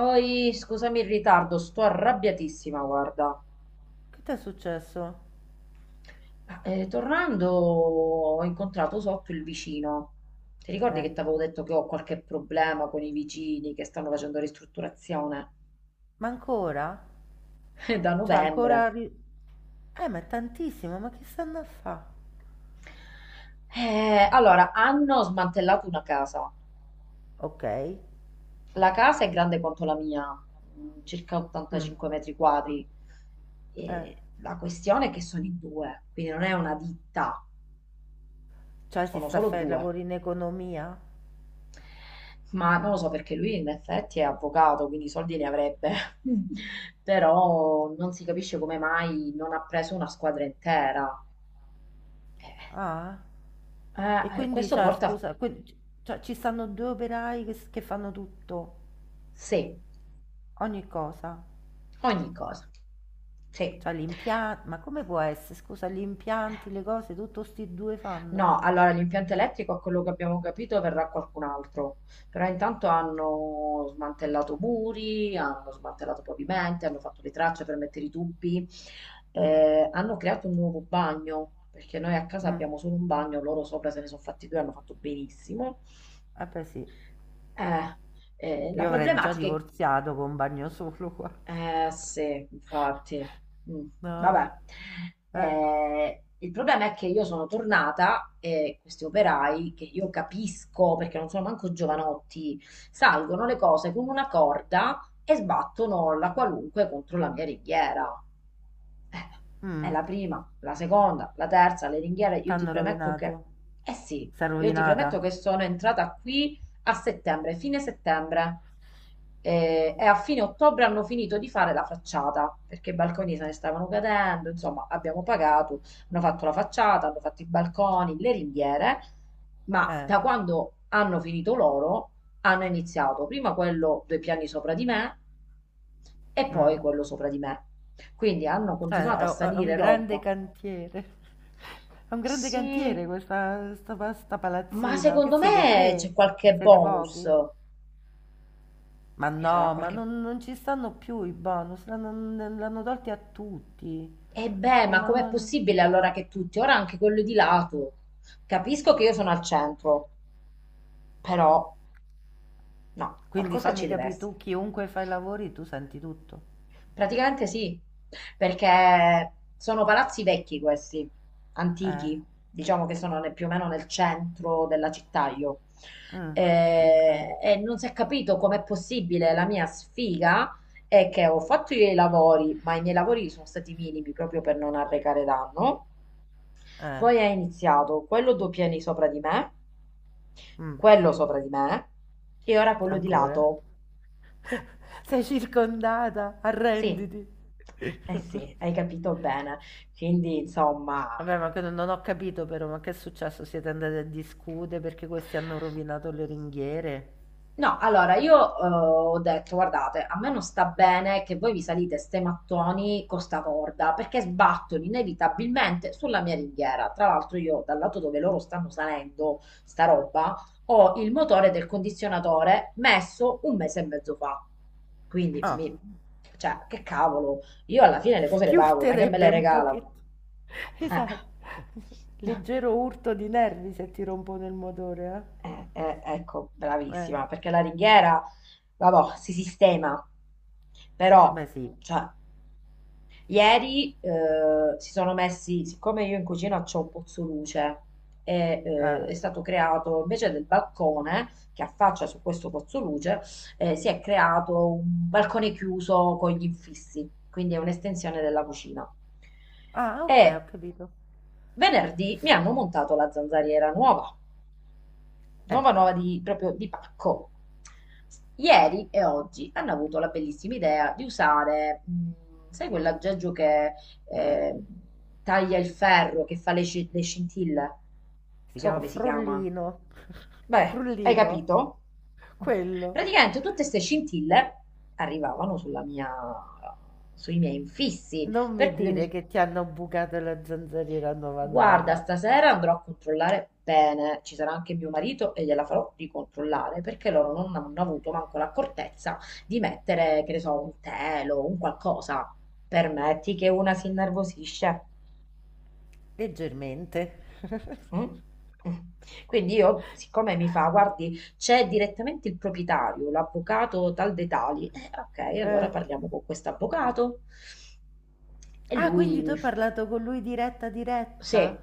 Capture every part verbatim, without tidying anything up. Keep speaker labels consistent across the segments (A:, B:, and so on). A: Oi, scusami il ritardo, sto arrabbiatissima, guarda.
B: Che ti è successo?
A: Eh, tornando ho incontrato sotto il vicino. Ti ricordi
B: Eh,
A: che ti avevo detto che ho qualche problema con i vicini che stanno facendo ristrutturazione?
B: ma ancora?
A: Eh, da
B: Cioè,
A: novembre.
B: ancora... ri- Eh, ma è tantissimo, ma che stanno a fa?
A: Eh, allora, hanno smantellato una casa.
B: Ok.
A: La casa è grande quanto la mia, mm, circa
B: Mm,
A: ottantacinque metri quadri.
B: eh,
A: E la questione è che sono in due, quindi non è una ditta,
B: cioè si
A: sono
B: sta a
A: solo
B: fare
A: due.
B: lavori in economia?
A: Ma non lo so perché lui in effetti è avvocato, quindi i soldi ne avrebbe, però non si capisce come mai non ha preso una squadra intera.
B: Ah,
A: Eh,
B: e
A: eh,
B: quindi,
A: questo
B: cioè,
A: porta a
B: scusa, que- cioè, ci stanno due operai che, s- che fanno tutto,
A: sé
B: ogni cosa.
A: ogni cosa. Sì.
B: Cioè, gli impianti... Ma come può essere? Scusa, gli impianti, le cose, tutto sti due fanno.
A: No, allora l'impianto elettrico, a quello che abbiamo capito, verrà qualcun altro, però intanto hanno smantellato muri, hanno smantellato pavimenti, hanno fatto le tracce per mettere i tubi, eh, hanno creato un nuovo bagno, perché noi a casa
B: Mm,
A: abbiamo solo un bagno, loro sopra se ne sono fatti due, hanno fatto benissimo.
B: eh beh sì.
A: Eh, eh, la
B: Io avrei già
A: problematica è.
B: divorziato con un bagno solo qua.
A: Eh sì, infatti. Mm.
B: No, no.
A: Vabbè.
B: Eh.
A: Eh, il problema è che io sono tornata e questi operai, che io capisco perché non sono manco giovanotti, salgono le cose con una corda e sbattono la qualunque contro la mia ringhiera. Eh, è
B: Mm.
A: la prima, la seconda, la terza, le ringhiere, io ti
B: T'hanno
A: premetto che...
B: rovinato.
A: Eh sì,
B: Sei
A: io ti premetto
B: rovinata?
A: che sono entrata qui a settembre, fine settembre. Eh, E, a fine ottobre hanno finito di fare la facciata perché i balconi se ne stavano cadendo. Insomma, abbiamo pagato, hanno fatto la facciata, hanno fatto i balconi, le ringhiere. Ma
B: Eh.
A: da quando hanno finito loro, hanno iniziato prima quello due piani sopra di me e poi
B: Mm.
A: quello sopra di me. Quindi hanno
B: Eh,
A: continuato
B: è,
A: a
B: è un
A: salire
B: grande
A: roba.
B: cantiere. È un grande
A: Sì,
B: cantiere questa sta, pa- sta
A: ma
B: palazzina. Che
A: secondo
B: siete
A: me
B: tre?
A: c'è qualche
B: Ma siete
A: bonus.
B: pochi? Ma
A: Ci sarà
B: no, ma
A: qualche.
B: non, non ci stanno più i bonus, l'hanno l'hanno tolti a tutti.
A: E beh,
B: Non
A: ma com'è
B: hanno-
A: possibile allora che tutti, ora anche quello di lato? Capisco che io sono al centro, però no,
B: Quindi
A: qualcosa
B: fammi
A: ci deve
B: capire,
A: essere.
B: tu chiunque fai i lavori, tu senti tutto.
A: Praticamente sì, perché sono palazzi vecchi questi,
B: Eh,
A: antichi, diciamo che sono ne- più o meno nel centro della città io.
B: mm, ok.
A: Eh, E, non si è capito com'è possibile la mia sfiga è che ho fatto i lavori, ma i miei lavori sono stati minimi proprio per non arrecare danno.
B: Eh,
A: Poi è iniziato quello due piani sopra di me,
B: mm.
A: quello sopra di me e ora quello di
B: Ancora?
A: lato.
B: Sei circondata,
A: Sì,
B: arrenditi.
A: eh sì, hai capito bene, quindi insomma.
B: Vabbè, ma che non non ho capito però, ma che è successo? Siete andati a discutere perché questi hanno rovinato le ringhiere?
A: No, allora io eh, ho detto, guardate, a me non sta bene che voi vi salite ste mattoni con sta corda, perché sbattono inevitabilmente sulla mia ringhiera. Tra l'altro io, dal lato dove loro stanno salendo sta roba, ho il motore del condizionatore messo un mese e mezzo fa. Quindi,
B: Ah,
A: mi- cioè, che cavolo, io alla fine le cose le
B: chi
A: pago, non è che me le
B: urterebbe un
A: regalano.
B: pochettino?
A: Eh.
B: Esatto. Leggero urto di nervi se ti rompono il motore,
A: Eh, eh, ecco,
B: eh? Eh,
A: bravissima, perché la ringhiera, vabbò, si sistema, però,
B: beh sì.
A: cioè, ieri eh, si sono messi, siccome io in cucina c'ho un pozzoluce, e, eh,
B: Ah,
A: è stato creato, invece del balcone che affaccia su questo pozzoluce, eh, si è creato un balcone chiuso con gli infissi, quindi è un'estensione della cucina.
B: ah,
A: E
B: ok, ho capito.
A: venerdì mi hanno montato la zanzariera nuova
B: Eh,
A: nuova nuova di, proprio di pacco. Ieri e oggi hanno avuto la bellissima idea di usare, mh, sai quell'aggeggio che eh, taglia il ferro, che fa le, sci- le scintille? Non
B: si
A: so
B: chiama
A: come si chiama.
B: Frollino.
A: Beh, hai
B: Frullino.
A: capito?
B: Quello.
A: Praticamente tutte queste scintille arrivavano sulla mia- sui miei infissi,
B: Non mi
A: per cui io
B: dire
A: mi.
B: che ti hanno bucato la zanzariera nuova
A: Guarda,
B: nuova.
A: stasera andrò a controllare bene, ci sarà anche mio marito e gliela farò ricontrollare perché loro non hanno avuto manco l'accortezza di mettere, che ne so, un telo, un qualcosa. Permetti che una si innervosisce.
B: Leggermente.
A: Mm? Mm. Quindi io, siccome mi fa, guardi, c'è direttamente il proprietario, l'avvocato tal dei tali, eh, ok, allora
B: Eh.
A: parliamo con quest'avvocato. E
B: Ah,
A: lui
B: quindi tu
A: mi.
B: hai parlato con lui diretta diretta?
A: Sì,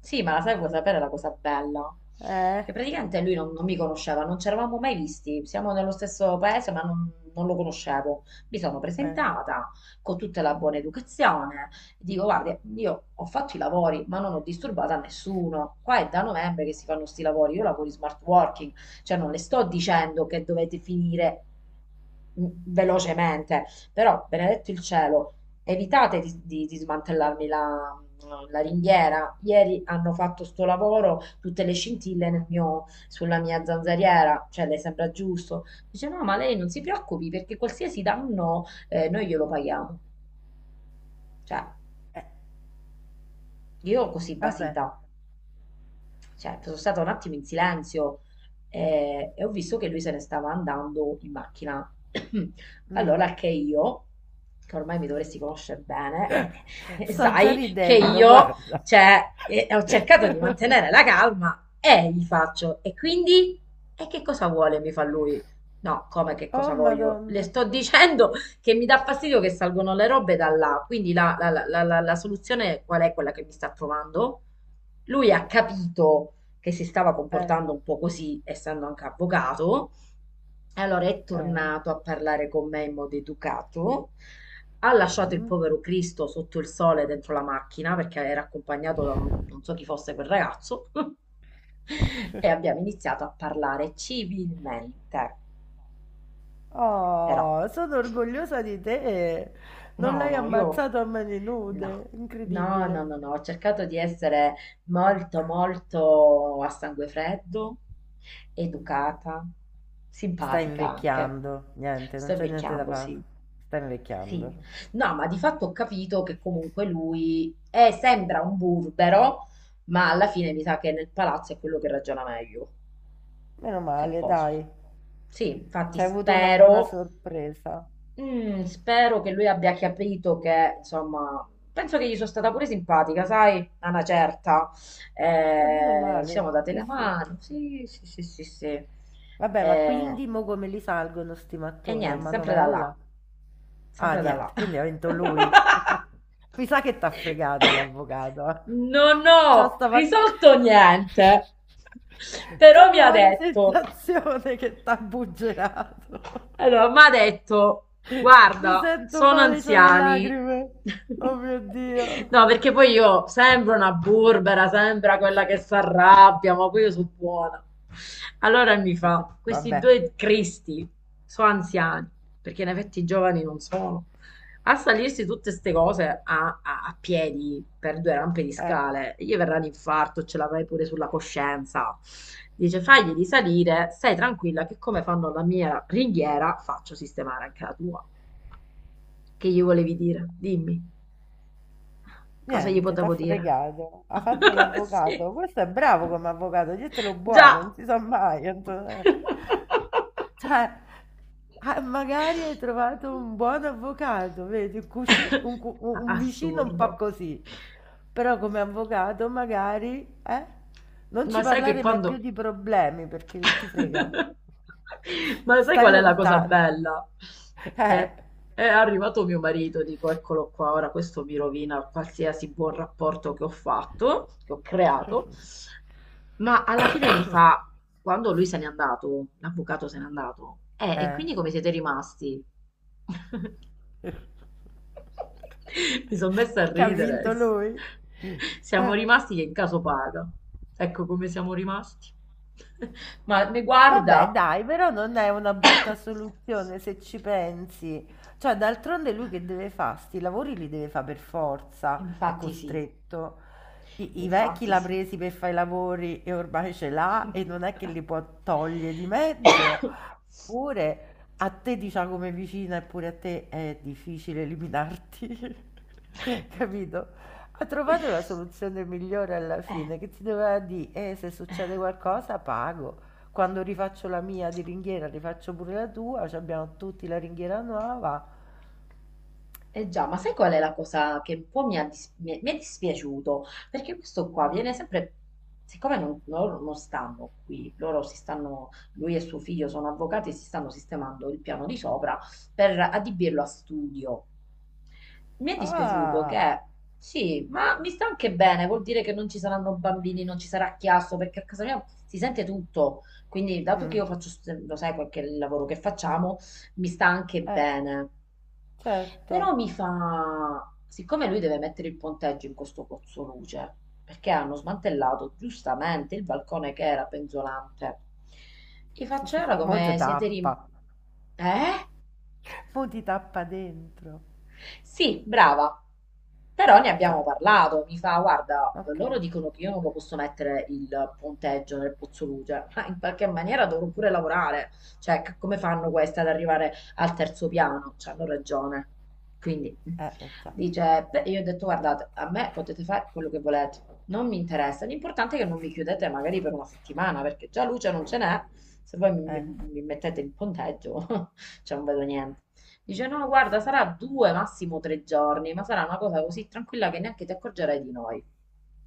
A: sì, ma la sai cosa sapere la cosa bella?
B: Eh,
A: Che praticamente lui non, non mi conosceva, non ci eravamo mai visti, siamo nello stesso paese ma non, non lo conoscevo. Mi sono
B: eh,
A: presentata con tutta la buona educazione, dico guarda, io ho fatto i lavori ma non ho disturbato a nessuno, qua è da novembre che si fanno sti lavori, io lavoro in smart working, cioè non le sto dicendo che dovete finire mm, velocemente, però benedetto il cielo. Evitate di, di- di smantellarmi la, la ringhiera. Ieri hanno fatto sto lavoro, tutte le scintille nel mio- sulla mia zanzariera, cioè le sembra giusto. Dice no, ma lei non si preoccupi perché qualsiasi danno eh, noi glielo paghiamo. Cioè,
B: eh,
A: io così
B: Vabbè.
A: basita. Certo, sono stata un attimo in silenzio eh, e ho visto che lui se ne stava andando in macchina.
B: Mm.
A: Allora, anche io, che ormai mi dovresti conoscere bene, eh, eh,
B: Sto già
A: sai che
B: ridendo,
A: io,
B: guarda.
A: cioè, eh, ho cercato di mantenere la calma e gli faccio, e quindi, e che cosa vuole? Mi fa lui. No, come che
B: Oh,
A: cosa voglio? Le
B: Madonna.
A: sto dicendo che mi dà fastidio che salgono le robe da là, quindi la, la la- la- la- la soluzione qual è quella che mi sta trovando? Lui ha capito che si stava
B: Eh,
A: comportando un po' così, essendo anche avvocato, e allora è
B: eh.
A: tornato a parlare con me in modo educato. Ha lasciato il
B: Mm.
A: povero Cristo sotto il sole dentro la macchina perché era accompagnato da un- non so chi fosse quel ragazzo e abbiamo iniziato a parlare civilmente, però.
B: Oh, sono orgogliosa di te.
A: No,
B: Non l'hai
A: no, io
B: ammazzato a mani
A: no,
B: nude.
A: no, no, no,
B: Incredibile.
A: no, ho cercato di essere molto, molto a sangue freddo, educata,
B: Stai
A: simpatica anche.
B: invecchiando, niente,
A: Sto
B: non c'è niente da
A: invecchiando,
B: fare.
A: sì.
B: Stai
A: Sì.
B: invecchiando.
A: No, ma di fatto ho capito che comunque lui è- sembra un burbero, ma alla fine mi sa che nel palazzo è quello che ragiona meglio,
B: Meno
A: se
B: male,
A: posso.
B: dai.
A: Sì,
B: Ci
A: infatti
B: hai avuto una buona
A: spero
B: sorpresa.
A: Mm, spero che lui abbia capito che, insomma, penso che gli sono stata pure simpatica, sai, a una certa.
B: E meno
A: Eh, ci
B: male,
A: siamo date
B: e
A: la
B: su.
A: mano, sì, sì, sì, sì, sì.
B: Vabbè, ma
A: Eh,
B: quindi mo come li salgono sti
A: e
B: mattoni a
A: niente, sempre da là,
B: manovella? Ah,
A: sempre da là.
B: niente, quindi ha vinto lui. Mi sa che t'ha fregato l'avvocato. eh.
A: Non
B: C'ho
A: ho
B: sta vaga...
A: risolto niente,
B: C'ho
A: però mi
B: la
A: ha
B: vaga
A: detto.
B: sensazione che t'ha buggerato.
A: Allora, mi ha detto,
B: Mi
A: guarda,
B: sento
A: sono
B: male, c'ho le
A: anziani.
B: lacrime. Oh mio Dio.
A: No, perché poi io sembro una burbera, sembra quella che si arrabbia, ma poi io sono buona. Allora mi
B: Ho detto,
A: fa, questi
B: vabbè,
A: due cristi sono anziani, perché in effetti i giovani non sono. A salirsi tutte ste cose a, a- a piedi per due rampe di
B: eh,
A: scale, gli verrà l'infarto, ce l'avrai pure sulla coscienza. Dice, fagli di salire, stai tranquilla che come fanno la mia ringhiera, faccio sistemare anche la tua. Che gli volevi dire? Dimmi, cosa gli
B: niente, t'ha
A: potevo dire?
B: fregato. Ha fatto
A: Sì,
B: l'avvocato. Questo è bravo come avvocato, dietelo buono, non
A: già.
B: si sa mai. Antonella. Cioè, ah, magari hai trovato un buon avvocato, vedi, un, cusci- un cu- un- un vicino un po'
A: Assurdo.
B: così, però come avvocato magari, eh, non
A: Ma
B: ci
A: sai che
B: parlare mai più
A: quando,
B: di problemi perché ti frega,
A: ma sai
B: stai
A: qual è la cosa
B: lontano.
A: bella?
B: Eh,
A: Che è arrivato mio marito, dico, eccolo qua, ora questo mi rovina qualsiasi buon rapporto che ho fatto, che ho creato, ma alla fine mi fa, quando lui se n'è andato, l'avvocato se n'è andato, eh, e
B: eh,
A: quindi come siete rimasti? Mi sono messa a
B: che ha
A: ridere.
B: vinto lui.
A: Siamo
B: Eh.
A: rimasti che in caso paga. Ecco come siamo rimasti. Ma mi
B: Vabbè,
A: guarda.
B: dai, però non è una brutta soluzione se ci pensi. Cioè, d'altronde lui che deve fare? Sti lavori li deve fare per forza, è
A: Infatti sì,
B: costretto. I, i vecchi
A: infatti
B: l'ha
A: sì.
B: presi per fare i lavori e ormai ce l'ha e non è che li può togliere di mezzo. Pure a te, diciamo, come vicina, e pure a te è difficile eliminarti, capito? Ha trovato la soluzione migliore alla
A: Eh.
B: fine, che ti doveva dire, eh, se succede qualcosa pago. Quando rifaccio la mia di ringhiera, rifaccio pure la tua, ci abbiamo tutti la ringhiera nuova.
A: Eh già, ma sai qual è la cosa che un po' mi ha dis- mi è, mi è dispiaciuto? Perché questo qua
B: Eh.
A: viene sempre, siccome non, loro non stanno qui, loro si stanno, lui e suo figlio sono avvocati e si stanno sistemando il piano di sopra per adibirlo a studio. Mi è dispiaciuto
B: Ah,
A: che, sì, ma mi sta anche bene, vuol dire che non ci saranno bambini, non ci sarà chiasso, perché a casa mia si sente tutto. Quindi, dato che
B: mm,
A: io faccio, st- lo sai, qualche lavoro che facciamo, mi sta anche
B: eh,
A: bene.
B: certo.
A: Però mi fa, siccome lui deve mettere il ponteggio in questo pozzoluce, perché hanno smantellato giustamente il balcone che era penzolante, gli faccio "Ora
B: Mo ti
A: come siete
B: tappa,
A: rim... Eh?
B: mo ti tappa dentro.
A: Sì, brava. Però
B: Eh,
A: ne abbiamo
B: già.
A: parlato. Mi fa, guarda,
B: Ok.
A: loro
B: Eh,
A: dicono che io non lo posso mettere il ponteggio nel Pozzoluce, ma in qualche maniera dovrò pure lavorare. Cioè, c- come fanno queste ad arrivare al terzo piano? Cioè, hanno ragione. Quindi, mm.
B: eh, già.
A: Dice, beh, io ho detto, guardate, a me potete fare quello che volete. Non mi interessa. L'importante è che non mi chiudete magari per una settimana, perché già luce non ce n'è. Se voi mi, mi-
B: Eh.
A: mi mettete il ponteggio, cioè non vedo niente. Dice, no, guarda, sarà due, massimo tre giorni, ma sarà una cosa così tranquilla che neanche ti accorgerai di noi.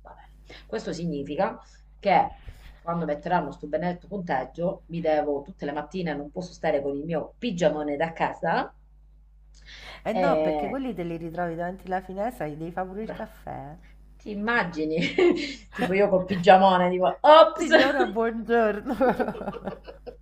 A: Va bene. Questo significa che quando metteranno sto benedetto punteggio, mi devo tutte le mattine, non posso stare con il mio pigiamone da casa,
B: Eh no, perché
A: eh,
B: quelli te li ritrovi davanti alla finestra, gli devi fare pure il
A: beh,
B: caffè.
A: ti immagini? Tipo io col pigiamone, tipo, ops!
B: Signora, buongiorno.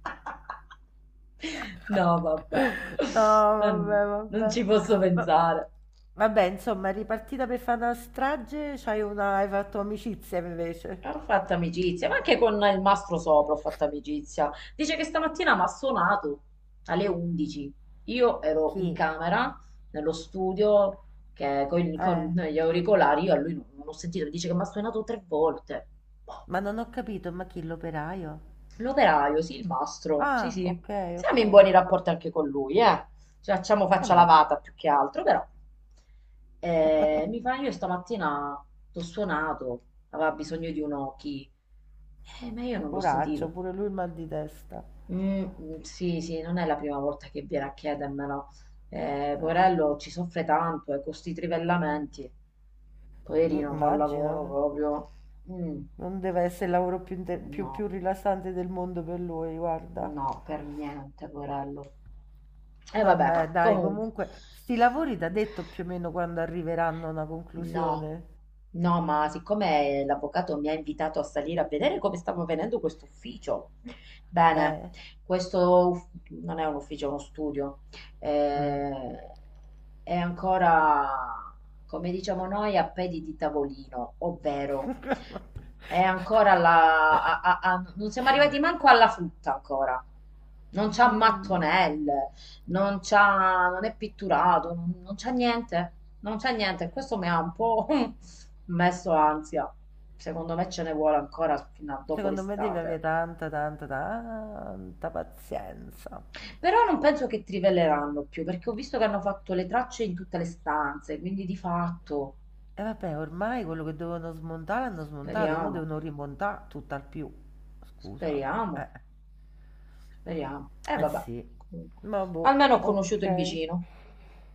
A: No, vabbè,
B: No, vabbè,
A: non, non
B: vabbè.
A: ci posso
B: Ma-
A: pensare.
B: Vabbè, insomma, ripartita per fare una strage, c'hai una... hai fatto amicizia invece.
A: Ho fatto amicizia, ma anche con il mastro sopra ho fatto amicizia. Dice che stamattina mi ha suonato alle undici. Io ero in
B: Chi?
A: camera, nello studio, che con, con
B: Eh,
A: gli auricolari, io a lui non, non ho sentito. Mi dice che mi ha suonato tre volte. Boh.
B: ma non ho capito, ma chi l'operaio?
A: L'operaio, sì, il mastro, sì,
B: Ah,
A: sì.
B: ok,
A: Siamo
B: ok.
A: in buoni rapporti anche con lui, eh. Ci facciamo
B: E
A: faccia
B: beh,
A: lavata più che altro, però. Eh, mi fa, io stamattina t'ho suonato, aveva bisogno di un occhi. Eh, ma io non l'ho
B: poraccio,
A: sentito.
B: pure lui il mal di testa.
A: "Mm, mm, sì, sì, non è la prima volta che viene a chiedermelo. Eh,
B: Eh,
A: poverello ci soffre tanto, e con sti trivellamenti.
B: m-
A: Poverino fa un lavoro
B: Immagino.
A: proprio. Mm,
B: Non deve essere il lavoro più, inte- più,
A: no,
B: più rilassante del mondo per lui, guarda.
A: no, per niente, poverello. E
B: Vabbè,
A: vabbè,
B: dai,
A: comunque
B: comunque, sti lavori t'ha detto più o meno quando arriveranno a una
A: no,
B: conclusione.
A: no, ma siccome l'avvocato mi ha invitato a salire a vedere come stava venendo quest'ufficio, bene,
B: Eh.
A: questo uff- non è un ufficio, è uno studio,
B: Mm.
A: eh, è ancora, come diciamo noi, a piedi di tavolino, ovvero è ancora la a- a- a- non siamo arrivati manco alla frutta ancora, non c'ha
B: Mm.
A: mattonelle, non c'ha, non è pitturato, non non c'ha niente, non c'è niente, questo mi ha un po' messo ansia. Secondo me ce ne vuole ancora fino a dopo
B: Secondo me devi avere
A: l'estate.
B: tanta, tanta, tanta pazienza.
A: Però non penso che trivelleranno più, perché ho visto che hanno fatto le tracce in tutte le stanze, quindi di fatto
B: E vabbè, ormai quello che dovevano smontare hanno smontato, ora
A: speriamo,
B: devono rimontare tutt'al più. Scusa.
A: speriamo,
B: Eh,
A: speriamo. E eh,
B: eh
A: vabbè,
B: sì.
A: comunque.
B: Ma boh,
A: Almeno ho conosciuto il
B: ok.
A: vicino.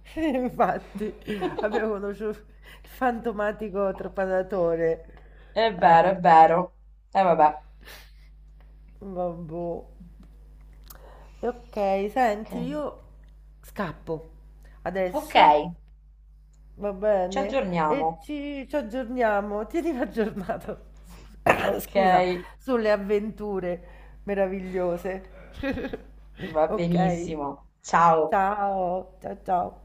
B: Infatti, avevo conosciuto il fantomatico trepadatore.
A: È
B: Eh,
A: vero, è vero. E vabbè.
B: ma boh. E ok,
A: Ok,
B: senti, io scappo.
A: ok,
B: Adesso Va
A: ci
B: bene, e
A: aggiorniamo.
B: ci, ci aggiorniamo. Tienimi aggiornato,
A: Ok,
B: scusa, sulle avventure meravigliose.
A: va
B: Ok?
A: benissimo. Ciao.
B: Ciao, ciao, ciao.